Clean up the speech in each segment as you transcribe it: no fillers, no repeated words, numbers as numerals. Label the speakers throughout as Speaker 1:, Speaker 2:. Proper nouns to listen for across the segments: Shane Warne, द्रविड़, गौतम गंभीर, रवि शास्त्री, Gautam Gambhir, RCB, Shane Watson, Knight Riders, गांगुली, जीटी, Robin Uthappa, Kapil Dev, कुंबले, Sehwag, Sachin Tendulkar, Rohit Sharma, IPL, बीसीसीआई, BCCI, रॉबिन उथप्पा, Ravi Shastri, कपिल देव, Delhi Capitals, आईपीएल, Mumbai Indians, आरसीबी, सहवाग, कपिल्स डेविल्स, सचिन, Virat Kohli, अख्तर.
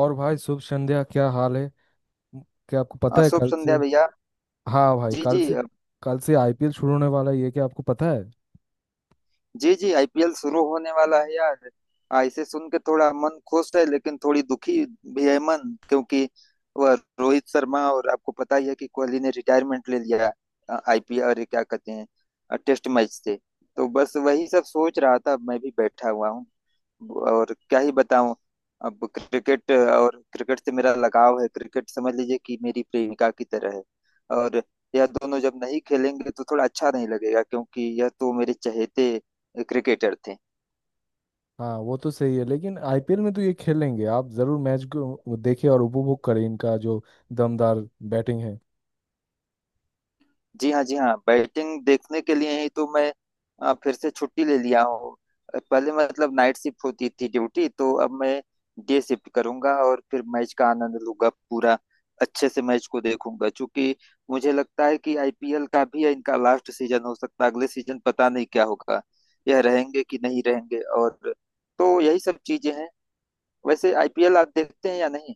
Speaker 1: और भाई, शुभ संध्या। क्या हाल है? म- क्या आपको पता है
Speaker 2: शुभ
Speaker 1: कल
Speaker 2: संध्या
Speaker 1: से?
Speaker 2: भैया।
Speaker 1: हाँ भाई,
Speaker 2: जी
Speaker 1: कल
Speaker 2: जी
Speaker 1: से। कल से आईपीएल शुरू होने वाला है, ये क्या आपको पता है?
Speaker 2: जी जी आईपीएल शुरू होने वाला है यार। इसे सुन के थोड़ा मन खुश है लेकिन थोड़ी दुखी भी है मन, क्योंकि वह रोहित शर्मा, और आपको पता ही है कि कोहली ने रिटायरमेंट ले लिया आईपीएल और ये क्या कहते हैं टेस्ट मैच से। तो बस वही सब सोच रहा था, मैं भी बैठा हुआ हूँ और क्या ही बताऊं। अब क्रिकेट, और क्रिकेट से मेरा लगाव है, क्रिकेट समझ लीजिए कि मेरी प्रेमिका की तरह है। और यह दोनों जब नहीं खेलेंगे तो थोड़ा अच्छा नहीं लगेगा, क्योंकि यह तो मेरे चहेते क्रिकेटर थे।
Speaker 1: हाँ, वो तो सही है, लेकिन आईपीएल में तो ये खेलेंगे। आप जरूर मैच को देखें और उपभोग करें इनका जो दमदार बैटिंग है।
Speaker 2: जी हाँ जी हाँ, बैटिंग देखने के लिए ही तो मैं फिर से छुट्टी ले लिया हूँ। पहले मतलब नाइट शिफ्ट होती थी ड्यूटी, तो अब मैं डे शिफ्ट करूंगा और फिर मैच का आनंद लूंगा पूरा अच्छे से, मैच को देखूंगा। क्योंकि मुझे लगता है कि आईपीएल का भी इनका लास्ट सीजन हो सकता है, अगले सीजन पता नहीं क्या होगा, यह रहेंगे कि नहीं रहेंगे। और तो यही सब चीजें हैं। वैसे आईपीएल आप देखते हैं या नहीं?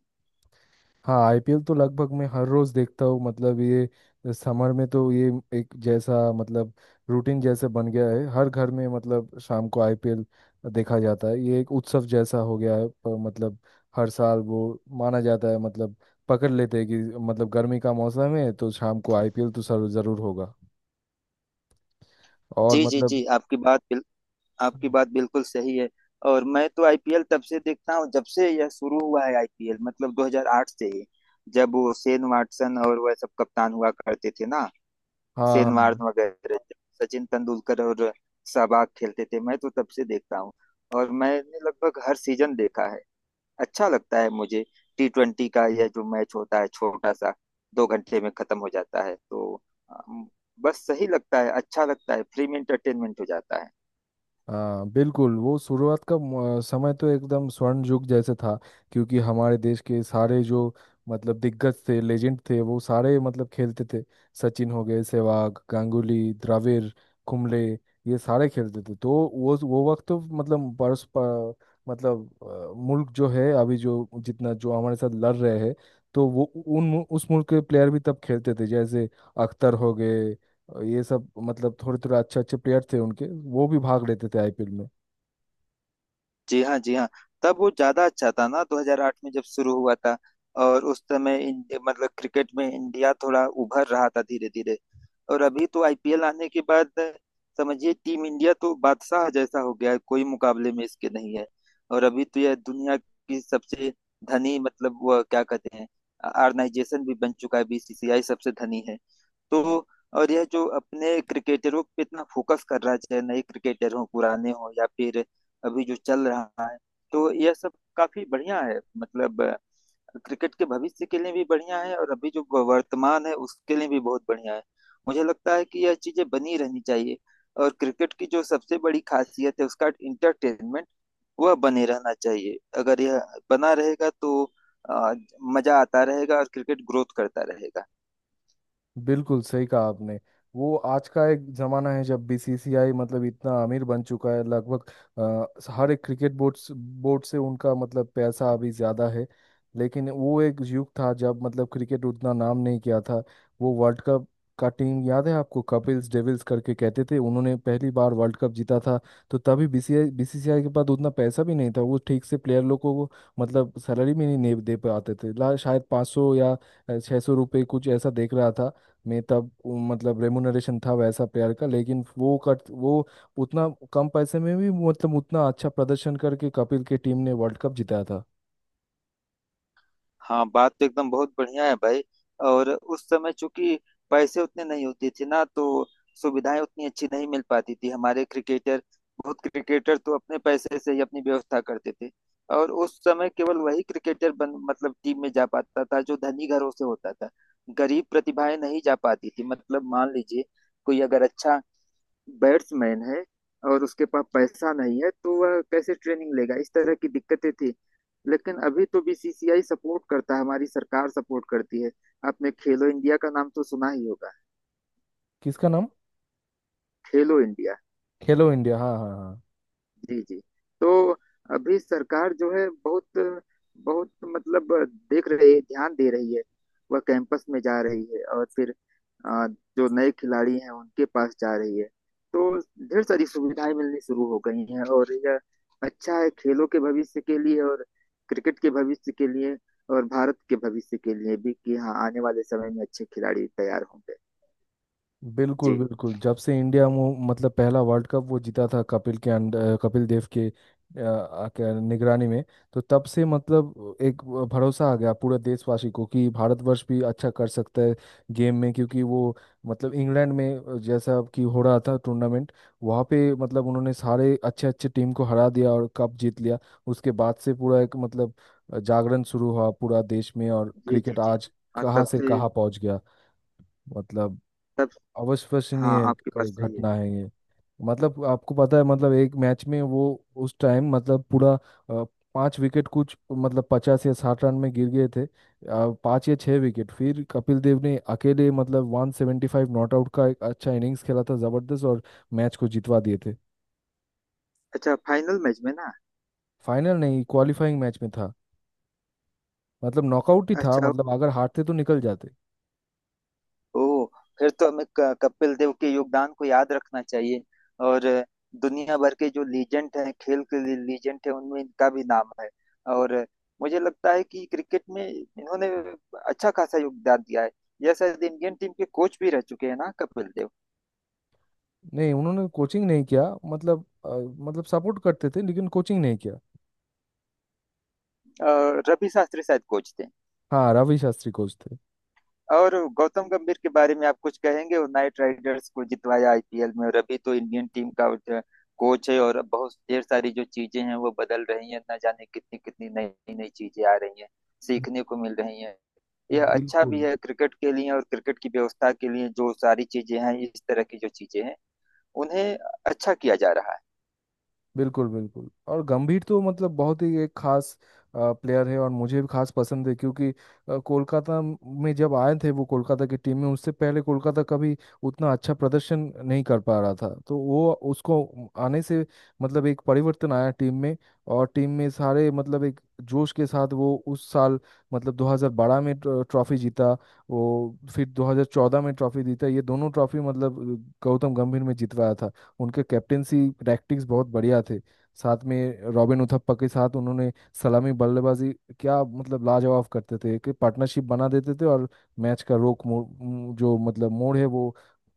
Speaker 1: हाँ, आईपीएल तो लगभग मैं हर रोज देखता हूँ। मतलब ये समर में तो ये एक जैसा, मतलब रूटीन जैसे बन गया है हर घर में। मतलब शाम को आईपीएल देखा जाता है। ये एक उत्सव जैसा हो गया है, पर मतलब हर साल वो माना जाता है। मतलब पकड़ लेते हैं कि मतलब गर्मी का मौसम है, तो शाम को आईपीएल तो जरूर होगा। और
Speaker 2: जी जी
Speaker 1: मतलब।
Speaker 2: जी, आपकी बात बिल्कुल सही है। और मैं तो आईपीएल तब से देखता हूँ जब से यह शुरू हुआ है, आईपीएल मतलब 2008 से ही, जब वो शेन वाटसन और वह सब कप्तान हुआ करते थे ना,
Speaker 1: हाँ,
Speaker 2: शेन
Speaker 1: हाँ,
Speaker 2: वार्न वगैरह, सचिन तेंदुलकर और सहवाग खेलते थे, मैं तो तब से देखता हूँ। और मैंने लगभग हर सीजन देखा है, अच्छा लगता है मुझे। T20 का यह जो मैच होता है छोटा सा, 2 घंटे में खत्म हो जाता है, तो अम, बस सही लगता है, अच्छा लगता है, फ्री में इंटरटेनमेंट हो जाता है।
Speaker 1: हाँ। बिल्कुल, वो शुरुआत का समय तो एकदम स्वर्ण युग जैसे था। क्योंकि हमारे देश के सारे जो मतलब दिग्गज थे, लेजेंड थे, वो सारे मतलब खेलते थे। सचिन हो गए, सहवाग, गांगुली, द्रविड़, कुंबले, ये सारे खेलते थे। तो वो वक्त तो मतलब मतलब मुल्क जो है अभी, जो जितना जो हमारे साथ लड़ रहे हैं, तो वो उन उस मुल्क के प्लेयर भी तब खेलते थे, जैसे अख्तर हो गए। और ये सब मतलब थोड़े थोड़े अच्छे अच्छे प्लेयर थे उनके, वो भी भाग लेते थे आईपीएल में।
Speaker 2: जी हाँ जी हाँ, तब वो ज्यादा अच्छा था ना, 2008 में जब शुरू हुआ था। और उस समय मतलब क्रिकेट में इंडिया थोड़ा उभर रहा था, धीरे धीरे। और अभी तो आईपीएल आने के बाद समझिए टीम इंडिया तो बादशाह जैसा हो गया है, कोई मुकाबले में इसके नहीं है। और अभी तो यह दुनिया की सबसे धनी मतलब वो क्या कहते हैं, ऑर्गेनाइजेशन भी बन चुका है, बीसीसीआई सबसे धनी है। तो और यह जो अपने क्रिकेटरों पे इतना फोकस कर रहा है, चाहे नए क्रिकेटर हो, पुराने हो, या फिर अभी जो चल रहा है, तो यह सब काफी बढ़िया है, मतलब क्रिकेट के भविष्य के लिए भी बढ़िया है, और अभी जो वर्तमान है उसके लिए भी बहुत बढ़िया है। मुझे लगता है कि यह चीजें बनी रहनी चाहिए। और क्रिकेट की जो सबसे बड़ी खासियत है उसका इंटरटेनमेंट, वह बने रहना चाहिए, अगर यह बना रहेगा तो अ, मजा आता रहेगा और क्रिकेट ग्रोथ करता रहेगा।
Speaker 1: बिल्कुल सही कहा आपने। वो आज का एक जमाना है जब बीसीसीआई मतलब इतना अमीर बन चुका है, लगभग हर एक क्रिकेट बोर्ड से उनका मतलब पैसा अभी ज्यादा है। लेकिन वो एक युग था जब मतलब क्रिकेट उतना नाम नहीं किया था। वो वर्ल्ड कप का टीम याद है आपको? कपिल्स डेविल्स करके कहते थे, उन्होंने पहली बार वर्ल्ड कप जीता था। तो तभी बीसीसीआई बीसीसीआई के पास उतना पैसा भी नहीं था। वो ठीक से प्लेयर लोग को मतलब सैलरी भी नहीं दे दे पाते थे। शायद 500 या 600 रुपये, कुछ ऐसा देख रहा था में, तब वो मतलब रेमुनरेशन था वैसा प्लेयर का। लेकिन वो उतना कम पैसे में भी मतलब उतना अच्छा प्रदर्शन करके कपिल के टीम ने वर्ल्ड कप जिताया था।
Speaker 2: हाँ, बात तो एकदम बहुत बढ़िया है भाई। और उस समय चूंकि पैसे उतने नहीं होते थे ना, तो सुविधाएं उतनी अच्छी नहीं मिल पाती थी हमारे क्रिकेटर, बहुत क्रिकेटर तो अपने पैसे से ही अपनी व्यवस्था करते थे। और उस समय केवल वही क्रिकेटर बन मतलब टीम में जा पाता था जो धनी घरों से होता था, गरीब प्रतिभाएं नहीं जा पाती थी। मतलब मान लीजिए कोई अगर अच्छा बैट्समैन है और उसके पास पैसा नहीं है, तो वह कैसे ट्रेनिंग लेगा, इस तरह की दिक्कतें थी। लेकिन अभी तो बीसीसीआई सपोर्ट करता है, हमारी सरकार सपोर्ट करती है। आपने खेलो इंडिया का नाम तो सुना ही होगा।
Speaker 1: किसका नाम?
Speaker 2: खेलो इंडिया,
Speaker 1: खेलो इंडिया, हाँ, हाँ, हाँ।
Speaker 2: जी जी। तो अभी सरकार जो है बहुत बहुत मतलब देख रही है, ध्यान दे रही है, वह कैंपस में जा रही है, और फिर अ, जो नए खिलाड़ी हैं उनके पास जा रही है। तो ढेर सारी सुविधाएं मिलनी शुरू हो गई हैं, और यह अच्छा है खेलों के भविष्य के लिए, और क्रिकेट के भविष्य के लिए, और भारत के भविष्य के लिए भी, कि हाँ आने वाले समय में अच्छे खिलाड़ी तैयार होंगे।
Speaker 1: बिल्कुल,
Speaker 2: जी
Speaker 1: बिल्कुल, जब से इंडिया मतलब पहला वर्ल्ड कप वो जीता था कपिल के अंडर, कपिल देव के निगरानी में, तो तब से मतलब एक भरोसा आ गया पूरे देशवासी को कि भारतवर्ष भी अच्छा कर सकता है गेम में। क्योंकि वो मतलब इंग्लैंड में जैसा कि हो रहा था टूर्नामेंट, वहाँ पे मतलब उन्होंने सारे अच्छे अच्छे टीम को हरा दिया और कप जीत लिया। उसके बाद से पूरा एक मतलब जागरण शुरू हुआ पूरा देश में, और
Speaker 2: जी जी,
Speaker 1: क्रिकेट
Speaker 2: जी
Speaker 1: आज
Speaker 2: हाँ,
Speaker 1: कहाँ
Speaker 2: तब
Speaker 1: से
Speaker 2: से,
Speaker 1: कहाँ पहुँच गया। मतलब
Speaker 2: तब। हाँ
Speaker 1: अविश्वसनीय
Speaker 2: आपकी बात
Speaker 1: एक
Speaker 2: सही है।
Speaker 1: घटना है ये। मतलब आपको पता है, मतलब एक मैच में वो उस टाइम मतलब पूरा अ, पांच विकेट कुछ, मतलब 50 या 60 रन में गिर गए थे, पांच या छह विकेट। फिर कपिल देव ने अकेले मतलब 175 नॉट आउट का एक अच्छा इनिंग्स खेला था जबरदस्त, और मैच को जितवा दिए थे।
Speaker 2: अच्छा, फाइनल मैच में ना?
Speaker 1: फाइनल नहीं, क्वालिफाइंग मैच में था। मतलब नॉकआउट ही था,
Speaker 2: अच्छा,
Speaker 1: मतलब अगर हारते तो निकल जाते।
Speaker 2: ओ, फिर तो हमें कपिल देव के योगदान को याद रखना चाहिए। और दुनिया भर के जो लीजेंड हैं, खेल के लिए लीजेंड हैं, उनमें इनका भी नाम है। और मुझे लगता है कि क्रिकेट में इन्होंने अच्छा खासा योगदान दिया है। यह शायद इंडियन टीम के कोच भी रह चुके हैं ना, कपिल देव?
Speaker 1: नहीं, उन्होंने कोचिंग नहीं किया। मतलब मतलब सपोर्ट करते थे लेकिन कोचिंग नहीं किया।
Speaker 2: अ, रवि शास्त्री शायद कोच थे।
Speaker 1: हाँ, रवि शास्त्री कोच थे।
Speaker 2: और गौतम गंभीर के बारे में आप कुछ कहेंगे? वो नाइट राइडर्स को जितवाया आईपीएल में, और अभी तो इंडियन टीम का जो कोच है, और बहुत ढेर सारी जो चीजें हैं वो बदल रही हैं, ना जाने कितनी कितनी नई नई चीजें आ रही हैं, सीखने को मिल रही हैं। यह अच्छा भी
Speaker 1: बिल्कुल।
Speaker 2: है क्रिकेट के लिए, और क्रिकेट की व्यवस्था के लिए, जो सारी चीजें हैं इस तरह की जो चीजें हैं उन्हें अच्छा किया जा रहा है।
Speaker 1: बिल्कुल, बिल्कुल, और गंभीर तो मतलब बहुत ही एक खास प्लेयर है, और मुझे भी खास पसंद है। क्योंकि कोलकाता में जब आए थे वो, कोलकाता की टीम में, उससे पहले कोलकाता कभी उतना अच्छा प्रदर्शन नहीं कर पा रहा था। तो वो उसको आने से मतलब एक परिवर्तन आया टीम में, और टीम में सारे मतलब एक जोश के साथ वो उस साल मतलब 2012 में ट्रॉफी जीता। वो फिर 2014 में ट्रॉफी जीता। ये दोनों ट्रॉफी मतलब गौतम गंभीर में जितवाया था। उनके कैप्टेंसी रैक्टिक्स बहुत बढ़िया थे। साथ में रॉबिन उथप्पा के साथ उन्होंने सलामी बल्लेबाजी क्या मतलब लाजवाब करते थे कि पार्टनरशिप बना देते थे। और मैच का रोक मोड़, जो मतलब मोड़ है वो,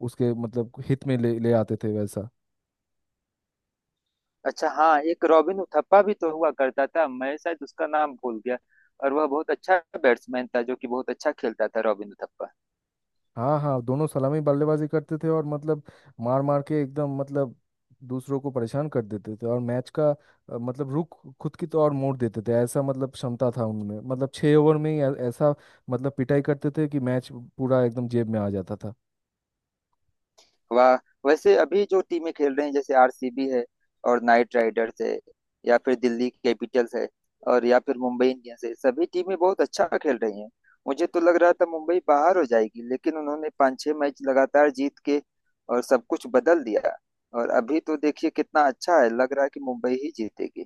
Speaker 1: उसके मतलब हित में ले ले आते थे वैसा।
Speaker 2: अच्छा, हाँ, एक रॉबिन उथप्पा भी तो हुआ करता था, मैं शायद उसका नाम भूल गया। और वह बहुत अच्छा बैट्समैन था, जो कि बहुत अच्छा खेलता था, रॉबिन उथप्पा।
Speaker 1: हाँ, हाँ, दोनों सलामी बल्लेबाजी करते थे। और मतलब मार मार के एकदम मतलब दूसरों को परेशान कर देते थे, और मैच का मतलब रुख खुद की तो और मोड़ देते थे। ऐसा मतलब क्षमता था उनमें, मतलब छः ओवर में ही ऐसा मतलब पिटाई करते थे कि मैच पूरा एकदम जेब में आ जाता था।
Speaker 2: वाह। वैसे अभी जो टीमें खेल रही हैं, जैसे आरसीबी है, और नाइट राइडर्स है, या फिर दिल्ली कैपिटल्स है, और या फिर मुंबई इंडियंस है, सभी टीमें बहुत अच्छा खेल रही हैं। मुझे तो लग रहा था मुंबई बाहर हो जाएगी, लेकिन उन्होंने पाँच छह मैच लगातार जीत के और सब कुछ बदल दिया, और अभी तो देखिए कितना अच्छा है, लग रहा है कि मुंबई ही जीतेगी।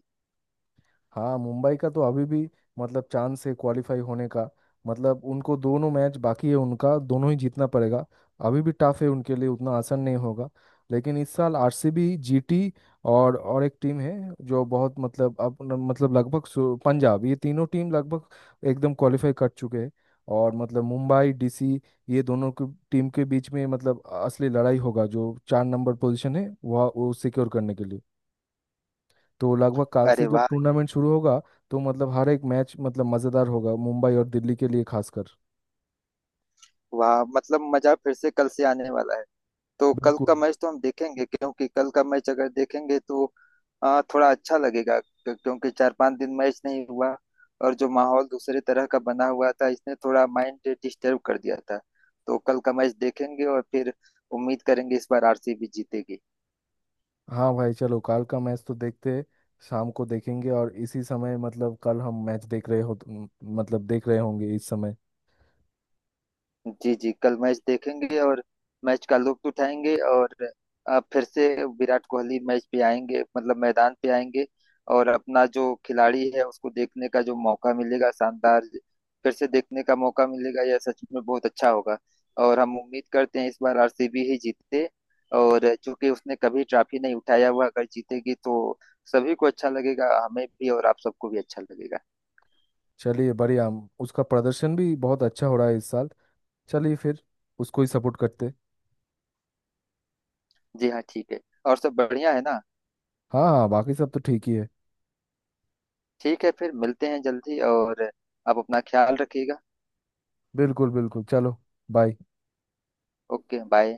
Speaker 1: हाँ, मुंबई का तो अभी भी मतलब चांस है क्वालिफाई होने का। मतलब उनको दोनों मैच बाकी है, उनका दोनों ही जीतना पड़ेगा। अभी भी टफ है उनके लिए, उतना आसान नहीं होगा। लेकिन इस साल आरसीबी, जीटी, और एक टीम है जो बहुत मतलब अब न- मतलब लगभग पंजाब, ये तीनों टीम लगभग एकदम क्वालिफाई कर चुके हैं। और मतलब मुंबई, डीसी, ये दोनों की टीम के बीच में मतलब असली लड़ाई होगा, जो चार नंबर पोजीशन है वह वो सिक्योर करने के लिए। तो लगभग काल से
Speaker 2: अरे
Speaker 1: जब
Speaker 2: वाह।
Speaker 1: टूर्नामेंट शुरू होगा, तो मतलब हर एक मैच मतलब मज़ेदार होगा, मुंबई और दिल्ली के लिए खासकर।
Speaker 2: वाह, मतलब मजा फिर से कल से आने वाला है। तो कल
Speaker 1: बिल्कुल।
Speaker 2: का मैच तो हम देखेंगे, क्योंकि कल का मैच अगर देखेंगे तो थोड़ा अच्छा लगेगा, क्योंकि चार पांच दिन मैच नहीं हुआ, और जो माहौल दूसरे तरह का बना हुआ था इसने थोड़ा माइंड डिस्टर्ब कर दिया था। तो कल का मैच देखेंगे और फिर उम्मीद करेंगे इस बार आरसीबी जीतेगी।
Speaker 1: हाँ भाई, चलो, कल का मैच तो देखते हैं। शाम को देखेंगे, और इसी समय मतलब कल हम मैच देख रहे हो, मतलब देख रहे होंगे इस समय।
Speaker 2: जी जी, कल मैच देखेंगे और मैच का लुत्फ उठाएंगे, और फिर से विराट कोहली मैच पे आएंगे, मतलब मैदान पे आएंगे। और अपना जो खिलाड़ी है उसको देखने का जो मौका मिलेगा शानदार, फिर से देखने का मौका मिलेगा, यह सच में बहुत अच्छा होगा। और हम उम्मीद करते हैं इस बार आरसीबी ही जीते, और चूंकि उसने कभी ट्रॉफी नहीं उठाया हुआ, अगर जीतेगी तो सभी को अच्छा लगेगा, हमें भी और आप सबको भी अच्छा लगेगा।
Speaker 1: चलिए बढ़िया, उसका प्रदर्शन भी बहुत अच्छा हो रहा है इस साल। चलिए फिर, उसको ही सपोर्ट करते।
Speaker 2: जी हाँ ठीक है, और सब बढ़िया है ना?
Speaker 1: हाँ, हाँ, बाकी सब तो ठीक ही है।
Speaker 2: ठीक है, फिर मिलते हैं जल्दी, और आप अपना ख्याल रखिएगा।
Speaker 1: बिल्कुल, बिल्कुल, चलो। बाय।
Speaker 2: Okay bye.